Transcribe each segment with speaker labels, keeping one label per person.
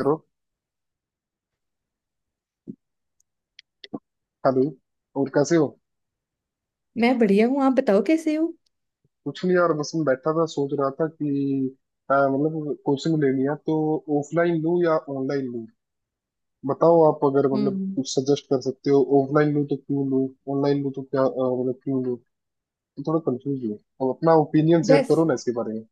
Speaker 1: करो। हेलो। और कैसे हो?
Speaker 2: मैं बढ़िया हूँ। आप बताओ कैसे हो?
Speaker 1: कुछ नहीं यार, बस मैं बैठा था, सोच रहा था कि मतलब कोचिंग लेनी है तो ऑफलाइन लूँ या ऑनलाइन लूँ। बताओ, आप अगर मतलब
Speaker 2: हम्म।
Speaker 1: कुछ सजेस्ट कर सकते हो। ऑफलाइन लूँ तो क्यों लूँ, ऑनलाइन लूँ तो क्या मतलब क्यों लूँ। तो थोड़ा कंफ्यूज हूँ। अब अपना ओपिनियन शेयर
Speaker 2: बस।
Speaker 1: करो ना इसके बारे में।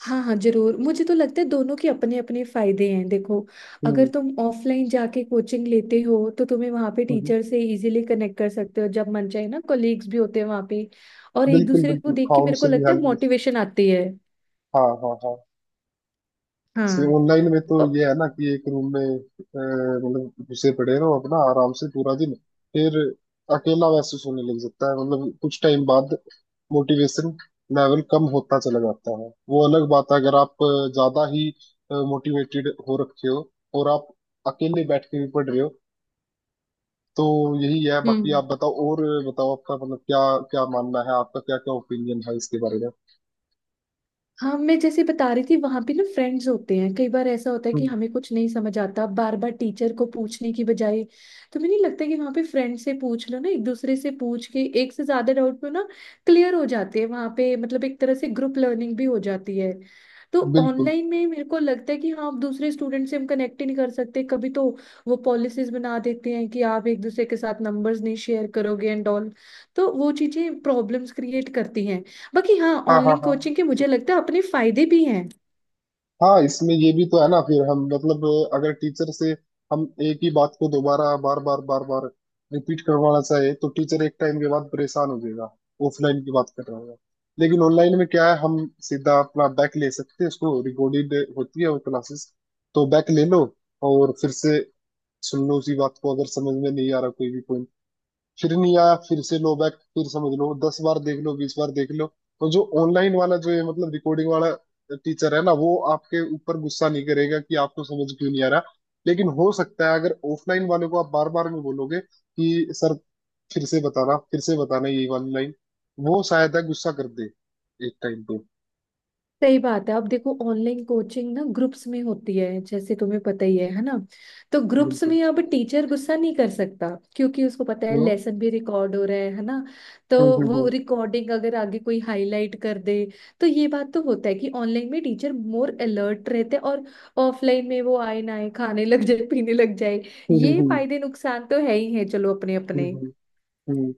Speaker 2: हाँ हाँ, जरूर। मुझे तो लगता है दोनों के अपने अपने फायदे हैं। देखो, अगर
Speaker 1: हम्म।
Speaker 2: तुम ऑफलाइन जाके कोचिंग लेते हो तो तुम्हें वहाँ पे
Speaker 1: हम्म।
Speaker 2: टीचर से इजीली कनेक्ट कर सकते हो जब मन चाहे ना। कोलीग्स भी होते हैं वहाँ पे, और एक
Speaker 1: बिल्कुल
Speaker 2: दूसरे को
Speaker 1: बिल्कुल,
Speaker 2: देख
Speaker 1: हाँ,
Speaker 2: के मेरे को
Speaker 1: उनसे भी
Speaker 2: लगता है
Speaker 1: हेल्प।
Speaker 2: मोटिवेशन आती है।
Speaker 1: हाँ हाँ हाँ से।
Speaker 2: हाँ।
Speaker 1: ऑनलाइन में तो ये है ना कि एक रूम में मतलब घुसे पड़े रहो अपना आराम से पूरा दिन, फिर अकेला महसूस होने लग जाता है, मतलब कुछ टाइम बाद मोटिवेशन लेवल कम होता चला जाता है। वो अलग बात है अगर आप ज्यादा ही मोटिवेटेड हो रखे हो और आप अकेले बैठ के भी पढ़ रहे हो, तो यही है।
Speaker 2: औ-
Speaker 1: बाकी आप बताओ, और बताओ आपका मतलब क्या क्या मानना है, आपका क्या क्या ओपिनियन है इसके बारे में।
Speaker 2: हाँ, मैं जैसे बता रही थी, वहां पे ना फ्रेंड्स होते हैं। कई बार ऐसा होता है कि
Speaker 1: हम्म,
Speaker 2: हमें कुछ नहीं समझ आता, बार बार टीचर को पूछने की बजाय तो मुझे नहीं लगता है कि वहां पे फ्रेंड से पूछ लो ना, एक दूसरे से पूछ के एक से ज्यादा डाउट में ना क्लियर हो जाते हैं वहां पे। मतलब एक तरह से ग्रुप लर्निंग भी हो जाती है। तो
Speaker 1: बिल्कुल।
Speaker 2: ऑनलाइन में मेरे को लगता है कि हाँ, आप दूसरे स्टूडेंट से हम कनेक्ट ही नहीं कर सकते कभी। तो वो पॉलिसीज बना देते हैं कि आप एक दूसरे के साथ नंबर्स नहीं शेयर करोगे एंड ऑल। तो वो चीजें प्रॉब्लम्स क्रिएट करती हैं। बाकी हाँ,
Speaker 1: हाँ हाँ
Speaker 2: ऑनलाइन
Speaker 1: हाँ।
Speaker 2: कोचिंग के मुझे लगता है अपने फायदे भी हैं।
Speaker 1: हाँ, इसमें ये भी तो है ना, फिर हम मतलब अगर टीचर से हम एक ही बात को दोबारा बार बार बार बार रिपीट करवाना चाहे तो टीचर एक टाइम के बाद परेशान हो जाएगा। ऑफलाइन की बात कर रहा हूँ। लेकिन ऑनलाइन में क्या है, हम सीधा अपना बैक ले सकते हैं उसको, रिकॉर्डेड होती है वो क्लासेस। तो बैक ले लो और फिर से सुन लो उसी बात को, अगर समझ में नहीं आ रहा कोई भी पॉइंट। फिर नहीं आया, फिर से लो बैक, फिर समझ लो, दस बार देख लो, बीस बार देख लो। तो जो ऑनलाइन वाला, जो ये मतलब रिकॉर्डिंग वाला टीचर है ना, वो आपके ऊपर गुस्सा नहीं करेगा कि आपको समझ क्यों नहीं आ रहा। लेकिन हो सकता है अगर ऑफलाइन वाले को आप बार बार में बोलोगे कि सर फिर से बताना, फिर से बताना, यही वाली लाइन, वो शायद है गुस्सा कर दे एक टाइम पे।
Speaker 2: सही बात है। अब देखो, ऑनलाइन कोचिंग ना ग्रुप्स में होती है, जैसे तुम्हें पता ही है ना। तो ग्रुप्स
Speaker 1: बिल्कुल।
Speaker 2: में अब टीचर गुस्सा नहीं कर सकता, क्योंकि उसको पता है
Speaker 1: हम्म,
Speaker 2: लेसन भी रिकॉर्ड हो रहा है ना। तो
Speaker 1: हम्म,
Speaker 2: वो
Speaker 1: हम्म,
Speaker 2: रिकॉर्डिंग अगर आगे कोई हाईलाइट कर दे, तो ये बात तो होता है कि ऑनलाइन में टीचर मोर अलर्ट रहते हैं। और ऑफलाइन में वो आए ना आए, खाने लग जाए, पीने लग जाए।
Speaker 1: हम्म, हम्म,
Speaker 2: ये
Speaker 1: हम्म,
Speaker 2: फायदे नुकसान तो है ही है, चलो, अपने अपने।
Speaker 1: हम्म, हम्म,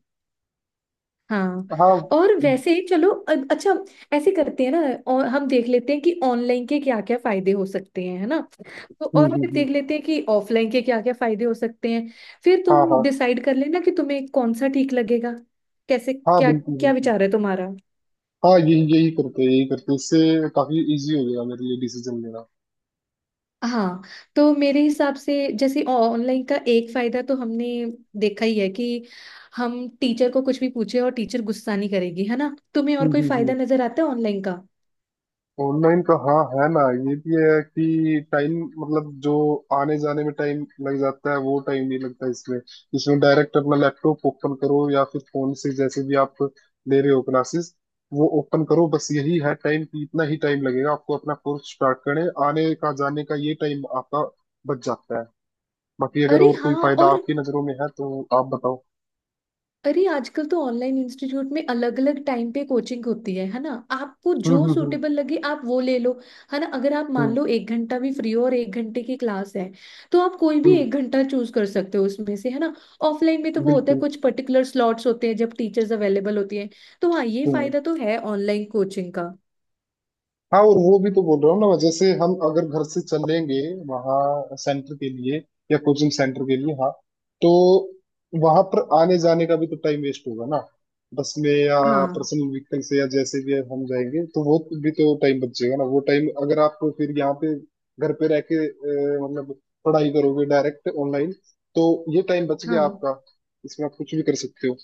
Speaker 2: हाँ।
Speaker 1: हाँ,
Speaker 2: और वैसे ही चलो, अच्छा, ऐसे करते हैं ना, और हम देख लेते हैं कि ऑनलाइन के क्या क्या फायदे हो सकते हैं, है ना। तो
Speaker 1: हम्म,
Speaker 2: और फिर
Speaker 1: हम्म,
Speaker 2: देख लेते हैं कि ऑफलाइन के क्या क्या फायदे हो सकते हैं। फिर
Speaker 1: हाँ
Speaker 2: तुम
Speaker 1: हाँ।
Speaker 2: डिसाइड कर लेना कि तुम्हें कौन सा ठीक लगेगा। कैसे,
Speaker 1: हाँ
Speaker 2: क्या?
Speaker 1: बिल्कुल
Speaker 2: क्या
Speaker 1: बिल्कुल।
Speaker 2: विचार है तुम्हारा?
Speaker 1: हाँ, यही यही करते हैं, यही करते हैं। इससे काफी इजी हो गया मेरे लिए डिसीजन लेना।
Speaker 2: हाँ। तो मेरे हिसाब से जैसे ऑनलाइन का एक फायदा तो हमने देखा ही है कि हम टीचर को कुछ भी पूछे और टीचर गुस्सा नहीं करेगी, है ना। तुम्हें और कोई फायदा
Speaker 1: हम्म।
Speaker 2: नजर आता है ऑनलाइन का?
Speaker 1: ऑनलाइन का हाँ, है ना, ये भी है कि टाइम, मतलब जो आने जाने में टाइम लग जाता है, वो टाइम नहीं लगता इसमें। इसमें डायरेक्ट अपना लैपटॉप ओपन करो, या फिर फोन से जैसे भी आप ले रहे हो क्लासेस, वो ओपन करो। बस यही है टाइम, कि इतना ही टाइम लगेगा आपको अपना कोर्स स्टार्ट करने, आने का जाने का ये टाइम आपका बच जाता है। बाकी अगर
Speaker 2: अरे
Speaker 1: और कोई
Speaker 2: हाँ।
Speaker 1: फायदा
Speaker 2: और
Speaker 1: आपकी नजरों में है तो आप बताओ।
Speaker 2: अरे आजकल तो ऑनलाइन इंस्टीट्यूट में अलग अलग टाइम पे कोचिंग होती है ना। आपको जो
Speaker 1: हम्म,
Speaker 2: सूटेबल लगे आप वो ले लो। है ना, अगर आप मान
Speaker 1: हम्म,
Speaker 2: लो एक घंटा भी फ्री हो और एक घंटे की क्लास है, तो आप कोई भी
Speaker 1: हम्म।
Speaker 2: एक घंटा चूज कर सकते हो उसमें से, है ना। ऑफलाइन में तो वो होता है,
Speaker 1: बिल्कुल।
Speaker 2: कुछ पर्टिकुलर स्लॉट्स होते हैं जब टीचर्स अवेलेबल होती हैं। तो हाँ, ये
Speaker 1: हम्म।
Speaker 2: फायदा तो है ऑनलाइन कोचिंग का।
Speaker 1: हाँ, और वो भी तो बोल रहा हूँ ना, जैसे हम अगर घर से चलेंगे वहाँ सेंटर के लिए या कोचिंग सेंटर के लिए, हाँ, तो वहां पर आने जाने का भी तो टाइम वेस्ट होगा ना, बस में या
Speaker 2: हाँ
Speaker 1: पर्सनल व्हीकल से या जैसे भी हम जाएंगे। तो वो भी तो टाइम बचेगा ना। वो टाइम अगर आप फिर यहाँ पे घर पे रह के मतलब पढ़ाई करोगे डायरेक्ट ऑनलाइन, तो ये टाइम बच गया
Speaker 2: हाँ
Speaker 1: आपका। इसमें आप कुछ भी कर सकते हो।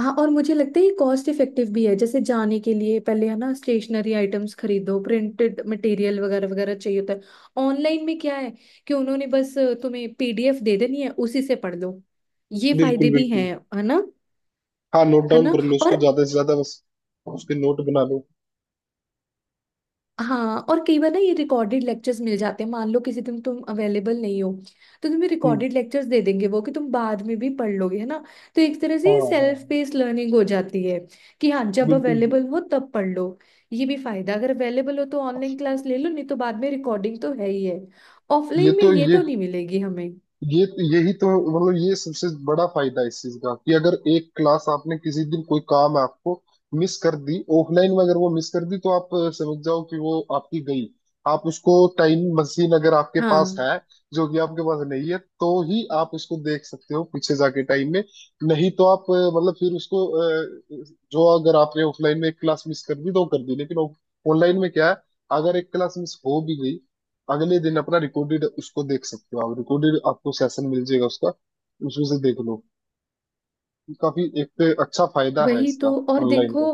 Speaker 2: हाँ। और मुझे लगता है ये कॉस्ट इफेक्टिव भी है, जैसे जाने के लिए पहले है ना, स्टेशनरी आइटम्स खरीदो, प्रिंटेड मटेरियल वगैरह वगैरह चाहिए होता है। ऑनलाइन में क्या है कि उन्होंने बस तुम्हें पीडीएफ दे देनी है, उसी से पढ़ लो। ये
Speaker 1: बिल्कुल
Speaker 2: फायदे भी
Speaker 1: बिल्कुल।
Speaker 2: हैं, है ना।
Speaker 1: हाँ, नोट
Speaker 2: है
Speaker 1: डाउन
Speaker 2: ना,
Speaker 1: कर लो
Speaker 2: और
Speaker 1: उसको ज्यादा से ज्यादा बस, उसके नोट बना लो।
Speaker 2: हाँ, और कई बार ना ये रिकॉर्डेड लेक्चर्स मिल जाते हैं, मान लो किसी दिन तुम अवेलेबल नहीं हो, तो तुम्हें
Speaker 1: हम्म।
Speaker 2: रिकॉर्डेड लेक्चर्स दे देंगे वो, कि तुम बाद में भी पढ़ लोगे, है ना। तो एक तरह
Speaker 1: हाँ
Speaker 2: से
Speaker 1: हाँ।
Speaker 2: सेल्फ
Speaker 1: हाँ
Speaker 2: पेस लर्निंग हो जाती है, कि हाँ, जब
Speaker 1: बिल्कुल बिल्कुल।
Speaker 2: अवेलेबल हो तब पढ़ लो। ये भी फायदा, अगर अवेलेबल हो तो ऑनलाइन क्लास ले लो, नहीं तो बाद में रिकॉर्डिंग तो है ही है।
Speaker 1: ये
Speaker 2: ऑफलाइन में
Speaker 1: तो
Speaker 2: ये
Speaker 1: ये
Speaker 2: तो नहीं मिलेगी हमें।
Speaker 1: ये यही तो, मतलब ये सबसे बड़ा फायदा है इस चीज का, कि अगर एक क्लास आपने किसी दिन, कोई काम है आपको, मिस कर दी ऑफलाइन में, अगर वो मिस कर दी तो आप समझ जाओ कि वो आपकी गई। आप उसको टाइम मशीन अगर आपके पास
Speaker 2: हाँ।
Speaker 1: है, जो कि आपके पास नहीं है, तो ही आप उसको देख सकते हो पीछे जाके टाइम में। नहीं तो आप अ, मतलब फिर उसको अ, जो अगर आपने ऑफलाइन में एक क्लास मिस कर दी तो वो कर दी। लेकिन ऑनलाइन में क्या है, अगर एक क्लास मिस हो भी गई, अगले दिन अपना रिकॉर्डेड उसको देख सकते हो। आप रिकॉर्डेड आपको सेशन मिल जाएगा उसका, उसमें से देख लो। काफी एक तो अच्छा फायदा है
Speaker 2: वही
Speaker 1: इसका,
Speaker 2: तो, और
Speaker 1: ऑनलाइन
Speaker 2: देखो,
Speaker 1: का।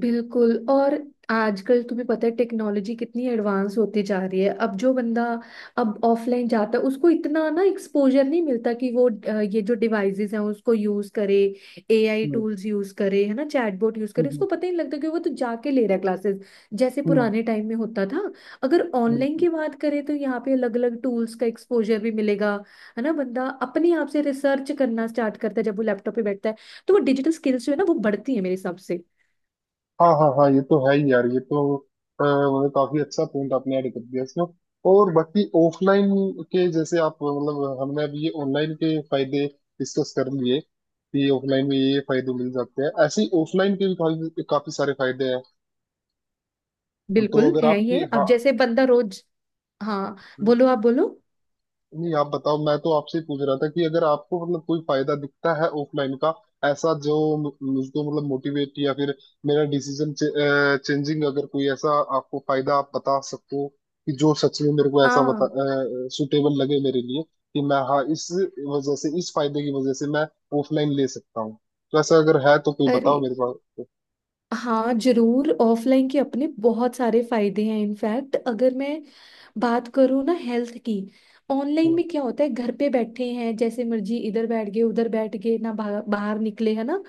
Speaker 2: बिल्कुल, और आजकल तुम्हें पता है टेक्नोलॉजी कितनी एडवांस होती जा रही है। अब जो बंदा अब ऑफलाइन जाता है उसको इतना ना एक्सपोजर नहीं मिलता कि वो ये जो डिवाइसेस हैं उसको यूज करे, एआई
Speaker 1: हम्म
Speaker 2: टूल्स यूज करे, है ना, चैटबॉट यूज करे।
Speaker 1: हम्म
Speaker 2: उसको पता ही नहीं लगता कि वो तो जाके ले रहा है क्लासेस, जैसे
Speaker 1: हम्म,
Speaker 2: पुराने टाइम में होता था। अगर ऑनलाइन
Speaker 1: बिल्कुल।
Speaker 2: की बात करें तो यहाँ पे अलग अलग टूल्स का एक्सपोजर भी मिलेगा, है ना। बंदा अपने आप से रिसर्च करना स्टार्ट करता है जब वो लैपटॉप पे बैठता है, तो वो डिजिटल स्किल्स जो है ना, वो बढ़ती है मेरे हिसाब से।
Speaker 1: हाँ हाँ हाँ, ये तो है ही यार। ये तो मतलब काफी अच्छा पॉइंट आपने ऐड कर दिया इसमें। और बाकी ऑफलाइन के, जैसे आप मतलब हमने अभी ये ऑनलाइन के फायदे डिस्कस कर लिए कि ऑफलाइन में ये फायदे मिल जाते हैं, ऐसे ही ऑफलाइन के भी काफी काफी सारे फायदे हैं। तो
Speaker 2: बिल्कुल
Speaker 1: अगर
Speaker 2: है
Speaker 1: आपकी,
Speaker 2: ये,
Speaker 1: हाँ।
Speaker 2: अब जैसे बंदा रोज। हाँ बोलो, आप बोलो।
Speaker 1: नहीं, आप बताओ, मैं तो आपसे ही पूछ रहा था कि अगर आपको मतलब कोई फायदा दिखता है ऑफलाइन का, ऐसा जो मुझको मतलब मोटिवेट या फिर मेरा डिसीजन चेंजिंग, अगर कोई ऐसा आपको फायदा आप बता सको कि जो सच में मेरे को ऐसा बता,
Speaker 2: हाँ।
Speaker 1: सुटेबल लगे मेरे लिए, कि मैं, हाँ, इस वजह से, इस फायदे की वजह से मैं ऑफलाइन ले सकता हूँ, तो ऐसा अगर है तो कोई
Speaker 2: अरे
Speaker 1: बताओ मेरे पास।
Speaker 2: हाँ, जरूर, ऑफलाइन के अपने बहुत सारे फायदे हैं। इनफैक्ट अगर मैं बात करूँ ना हेल्थ की, ऑनलाइन
Speaker 1: हम्म
Speaker 2: में क्या होता है, घर पे बैठे हैं जैसे मर्जी, इधर बैठ गए, उधर बैठ गए ना, बाहर बाहर निकले, है ना।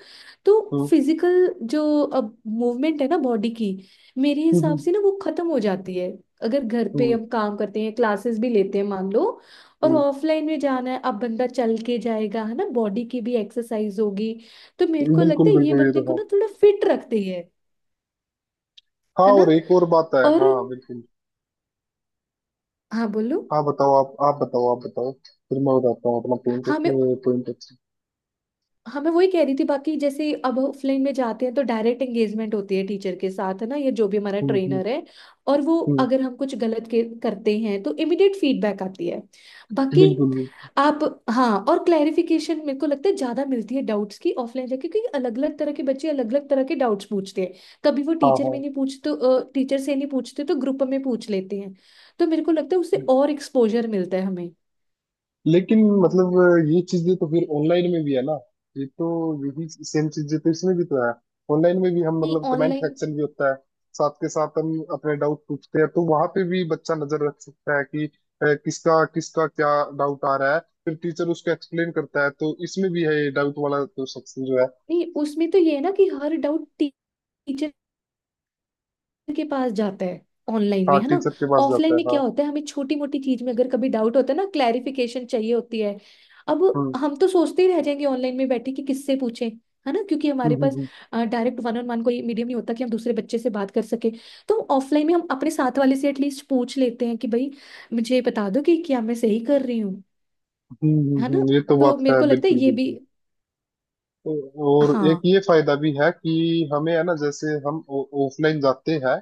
Speaker 2: तो
Speaker 1: हम्म
Speaker 2: फिजिकल जो अब मूवमेंट है ना बॉडी की, मेरे हिसाब
Speaker 1: हम्म
Speaker 2: से ना वो खत्म हो जाती है, अगर घर पे
Speaker 1: हम्म
Speaker 2: हम काम करते हैं, क्लासेस भी लेते हैं मान लो। और
Speaker 1: हम्म,
Speaker 2: ऑफलाइन में जाना है, अब बंदा चल के जाएगा, है ना, बॉडी की भी एक्सरसाइज होगी। तो मेरे को लगता
Speaker 1: बिल्कुल
Speaker 2: है ये
Speaker 1: बिल्कुल, ये
Speaker 2: बंदे
Speaker 1: तो
Speaker 2: को
Speaker 1: है।
Speaker 2: ना थोड़ा फिट रखती है
Speaker 1: हाँ,
Speaker 2: है ना।
Speaker 1: और एक और बात है,
Speaker 2: और
Speaker 1: हाँ बिल्कुल।
Speaker 2: हाँ बोलो।
Speaker 1: हाँ बताओ आप बताओ, आप बताओ फिर मैं बताता हूँ अपना पॉइंट
Speaker 2: हाँ मैं
Speaker 1: ऑफ, पॉइंट ऑफ।
Speaker 2: हाँ मैं वही कह रही थी, बाकी जैसे अब ऑफलाइन में जाते हैं तो डायरेक्ट एंगेजमेंट होती है टीचर के साथ, है ना। ये जो भी हमारा
Speaker 1: हम्म हम्म
Speaker 2: ट्रेनर है, और वो
Speaker 1: हम्म,
Speaker 2: अगर हम कुछ गलत करते हैं तो इमिडिएट फीडबैक आती है। बाकी
Speaker 1: बिल्कुल भी।
Speaker 2: आप। हाँ, और क्लैरिफिकेशन मेरे को लगता है ज्यादा मिलती है डाउट्स की ऑफलाइन जाके, क्योंकि अलग अलग तरह के बच्चे अलग अलग तरह के डाउट्स पूछते हैं। कभी वो
Speaker 1: हाँ
Speaker 2: टीचर
Speaker 1: हाँ।
Speaker 2: में नहीं पूछते, टीचर से नहीं पूछते तो ग्रुप में पूछ लेते हैं। तो मेरे को लगता है उससे और एक्सपोजर मिलता है हमें।
Speaker 1: लेकिन मतलब ये चीजें तो फिर ऑनलाइन में भी है ना। ये तो यही सेम चीजें तो इसमें भी तो है। ऑनलाइन में भी हम
Speaker 2: नहीं
Speaker 1: मतलब कमेंट
Speaker 2: ऑनलाइन,
Speaker 1: सेक्शन भी होता है, साथ के साथ हम अपने डाउट पूछते हैं, तो वहां पे भी बच्चा नजर रख सकता है कि किसका किसका क्या डाउट आ रहा है, फिर टीचर उसको एक्सप्लेन करता है। तो इसमें भी है ये डाउट वाला तो सेक्शन जो है।
Speaker 2: नहीं, उसमें तो ये है ना कि हर डाउट टीचर के पास जाता है ऑनलाइन
Speaker 1: हाँ,
Speaker 2: में, है ना।
Speaker 1: टीचर के पास जाता
Speaker 2: ऑफलाइन
Speaker 1: है,
Speaker 2: में क्या
Speaker 1: हाँ।
Speaker 2: होता है, हमें छोटी मोटी चीज में अगर कभी डाउट होता है ना, क्लैरिफिकेशन चाहिए होती है। अब
Speaker 1: हम्म
Speaker 2: हम तो सोचते ही रह जाएंगे ऑनलाइन में बैठे कि किससे पूछें, है ना, क्योंकि
Speaker 1: हम्म
Speaker 2: हमारे
Speaker 1: हम्म
Speaker 2: पास
Speaker 1: हम्म।
Speaker 2: डायरेक्ट वन ऑन वन कोई मीडियम नहीं होता कि हम दूसरे बच्चे से बात कर सके। तो ऑफलाइन में हम अपने साथ वाले से एटलीस्ट पूछ लेते हैं कि भाई मुझे बता दो कि क्या मैं सही कर रही हूँ। है ना।
Speaker 1: ये तो
Speaker 2: तो
Speaker 1: बात
Speaker 2: मेरे
Speaker 1: है,
Speaker 2: को लगता है
Speaker 1: बिल्कुल
Speaker 2: ये भी।
Speaker 1: बिल्कुल। और एक
Speaker 2: हाँ
Speaker 1: ये फायदा भी है कि हमें है ना, जैसे हम ऑफलाइन जाते हैं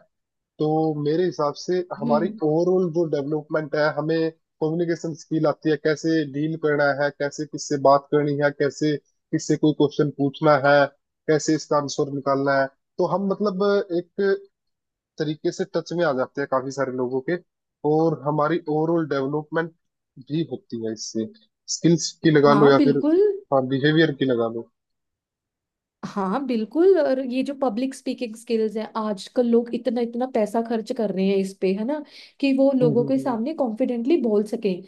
Speaker 1: तो मेरे हिसाब से हमारी
Speaker 2: हम्म।
Speaker 1: ओवरऑल जो डेवलपमेंट है, हमें कम्युनिकेशन स्किल आती है, कैसे डील करना है, कैसे किससे बात करनी है, कैसे किससे कोई क्वेश्चन पूछना है, कैसे इसका आंसर निकालना है। तो हम मतलब एक तरीके से टच में आ जाते हैं काफी सारे लोगों के, और हमारी ओवरऑल डेवलपमेंट भी होती है इससे, स्किल्स की लगा लो
Speaker 2: हाँ
Speaker 1: या फिर,
Speaker 2: बिल्कुल।
Speaker 1: हाँ, बिहेवियर की लगा लो।
Speaker 2: हाँ बिल्कुल, और ये जो पब्लिक स्पीकिंग स्किल्स हैं, आजकल लोग इतना इतना पैसा खर्च कर रहे हैं इस पे, है ना, कि वो लोगों
Speaker 1: हम्म
Speaker 2: के
Speaker 1: हम्म
Speaker 2: सामने कॉन्फिडेंटली बोल सकें।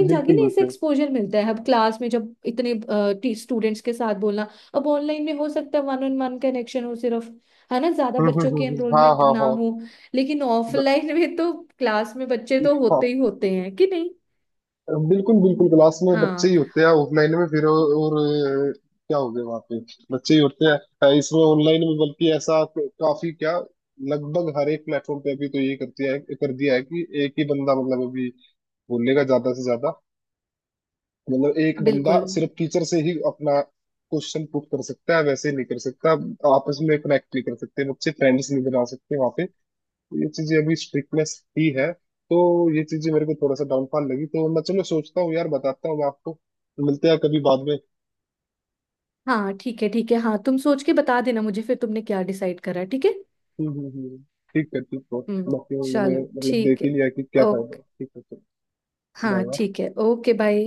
Speaker 2: जाके
Speaker 1: बिल्कुल
Speaker 2: ना इसे
Speaker 1: बिल्कुल।
Speaker 2: एक्सपोजर मिलता है, अब क्लास में जब इतने स्टूडेंट्स के साथ बोलना। अब ऑनलाइन में हो सकता है वन ऑन वन कनेक्शन हो सिर्फ, है ना, ज्यादा बच्चों की
Speaker 1: हाँ
Speaker 2: एनरोलमेंट
Speaker 1: हाँ
Speaker 2: ना
Speaker 1: हाँ।
Speaker 2: हो। लेकिन
Speaker 1: द-
Speaker 2: ऑफलाइन में तो क्लास में बच्चे तो होते
Speaker 1: हाँ
Speaker 2: ही होते हैं, कि नहीं?
Speaker 1: बिल्कुल बिल्कुल। क्लास में बच्चे
Speaker 2: हाँ
Speaker 1: ही होते हैं ऑफलाइन में, फिर और अ, क्या हो गया वहाँ पे, बच्चे ही होते हैं। इसमें ऑनलाइन में बल्कि ऐसा तो काफी क्या, लगभग हर एक प्लेटफॉर्म पे अभी तो ये करती है, कर दिया है कि एक ही बंदा मतलब अभी बोलेगा ज्यादा से ज्यादा, मतलब एक बंदा
Speaker 2: बिल्कुल।
Speaker 1: सिर्फ टीचर से ही अपना क्वेश्चन पुट कर सकता है, वैसे नहीं कर सकता। आपस में कनेक्ट नहीं कर सकते बच्चे, फ्रेंड्स नहीं बना सकते वहाँ पे। तो ये चीजें अभी स्ट्रिक्टनेस ही है। तो ये चीजें मेरे को थोड़ा सा डाउनफॉल लगी। तो मैं चलो सोचता हूँ यार, बताता हूँ आपको, मिलते हैं कभी बाद में।
Speaker 2: हाँ ठीक है, ठीक है, हाँ तुम सोच के बता देना मुझे फिर तुमने क्या डिसाइड करा। ठीक है?
Speaker 1: हम्म हम्म हम्म। ठीक है ठीक है।
Speaker 2: हम्म।
Speaker 1: बाकी मैंने
Speaker 2: चलो,
Speaker 1: मतलब
Speaker 2: ठीक
Speaker 1: देख ही
Speaker 2: है।
Speaker 1: लिया कि क्या फायदा
Speaker 2: ओके।
Speaker 1: है। ठीक है चलो।
Speaker 2: हाँ
Speaker 1: बाय।
Speaker 2: ठीक है। Okay, bye.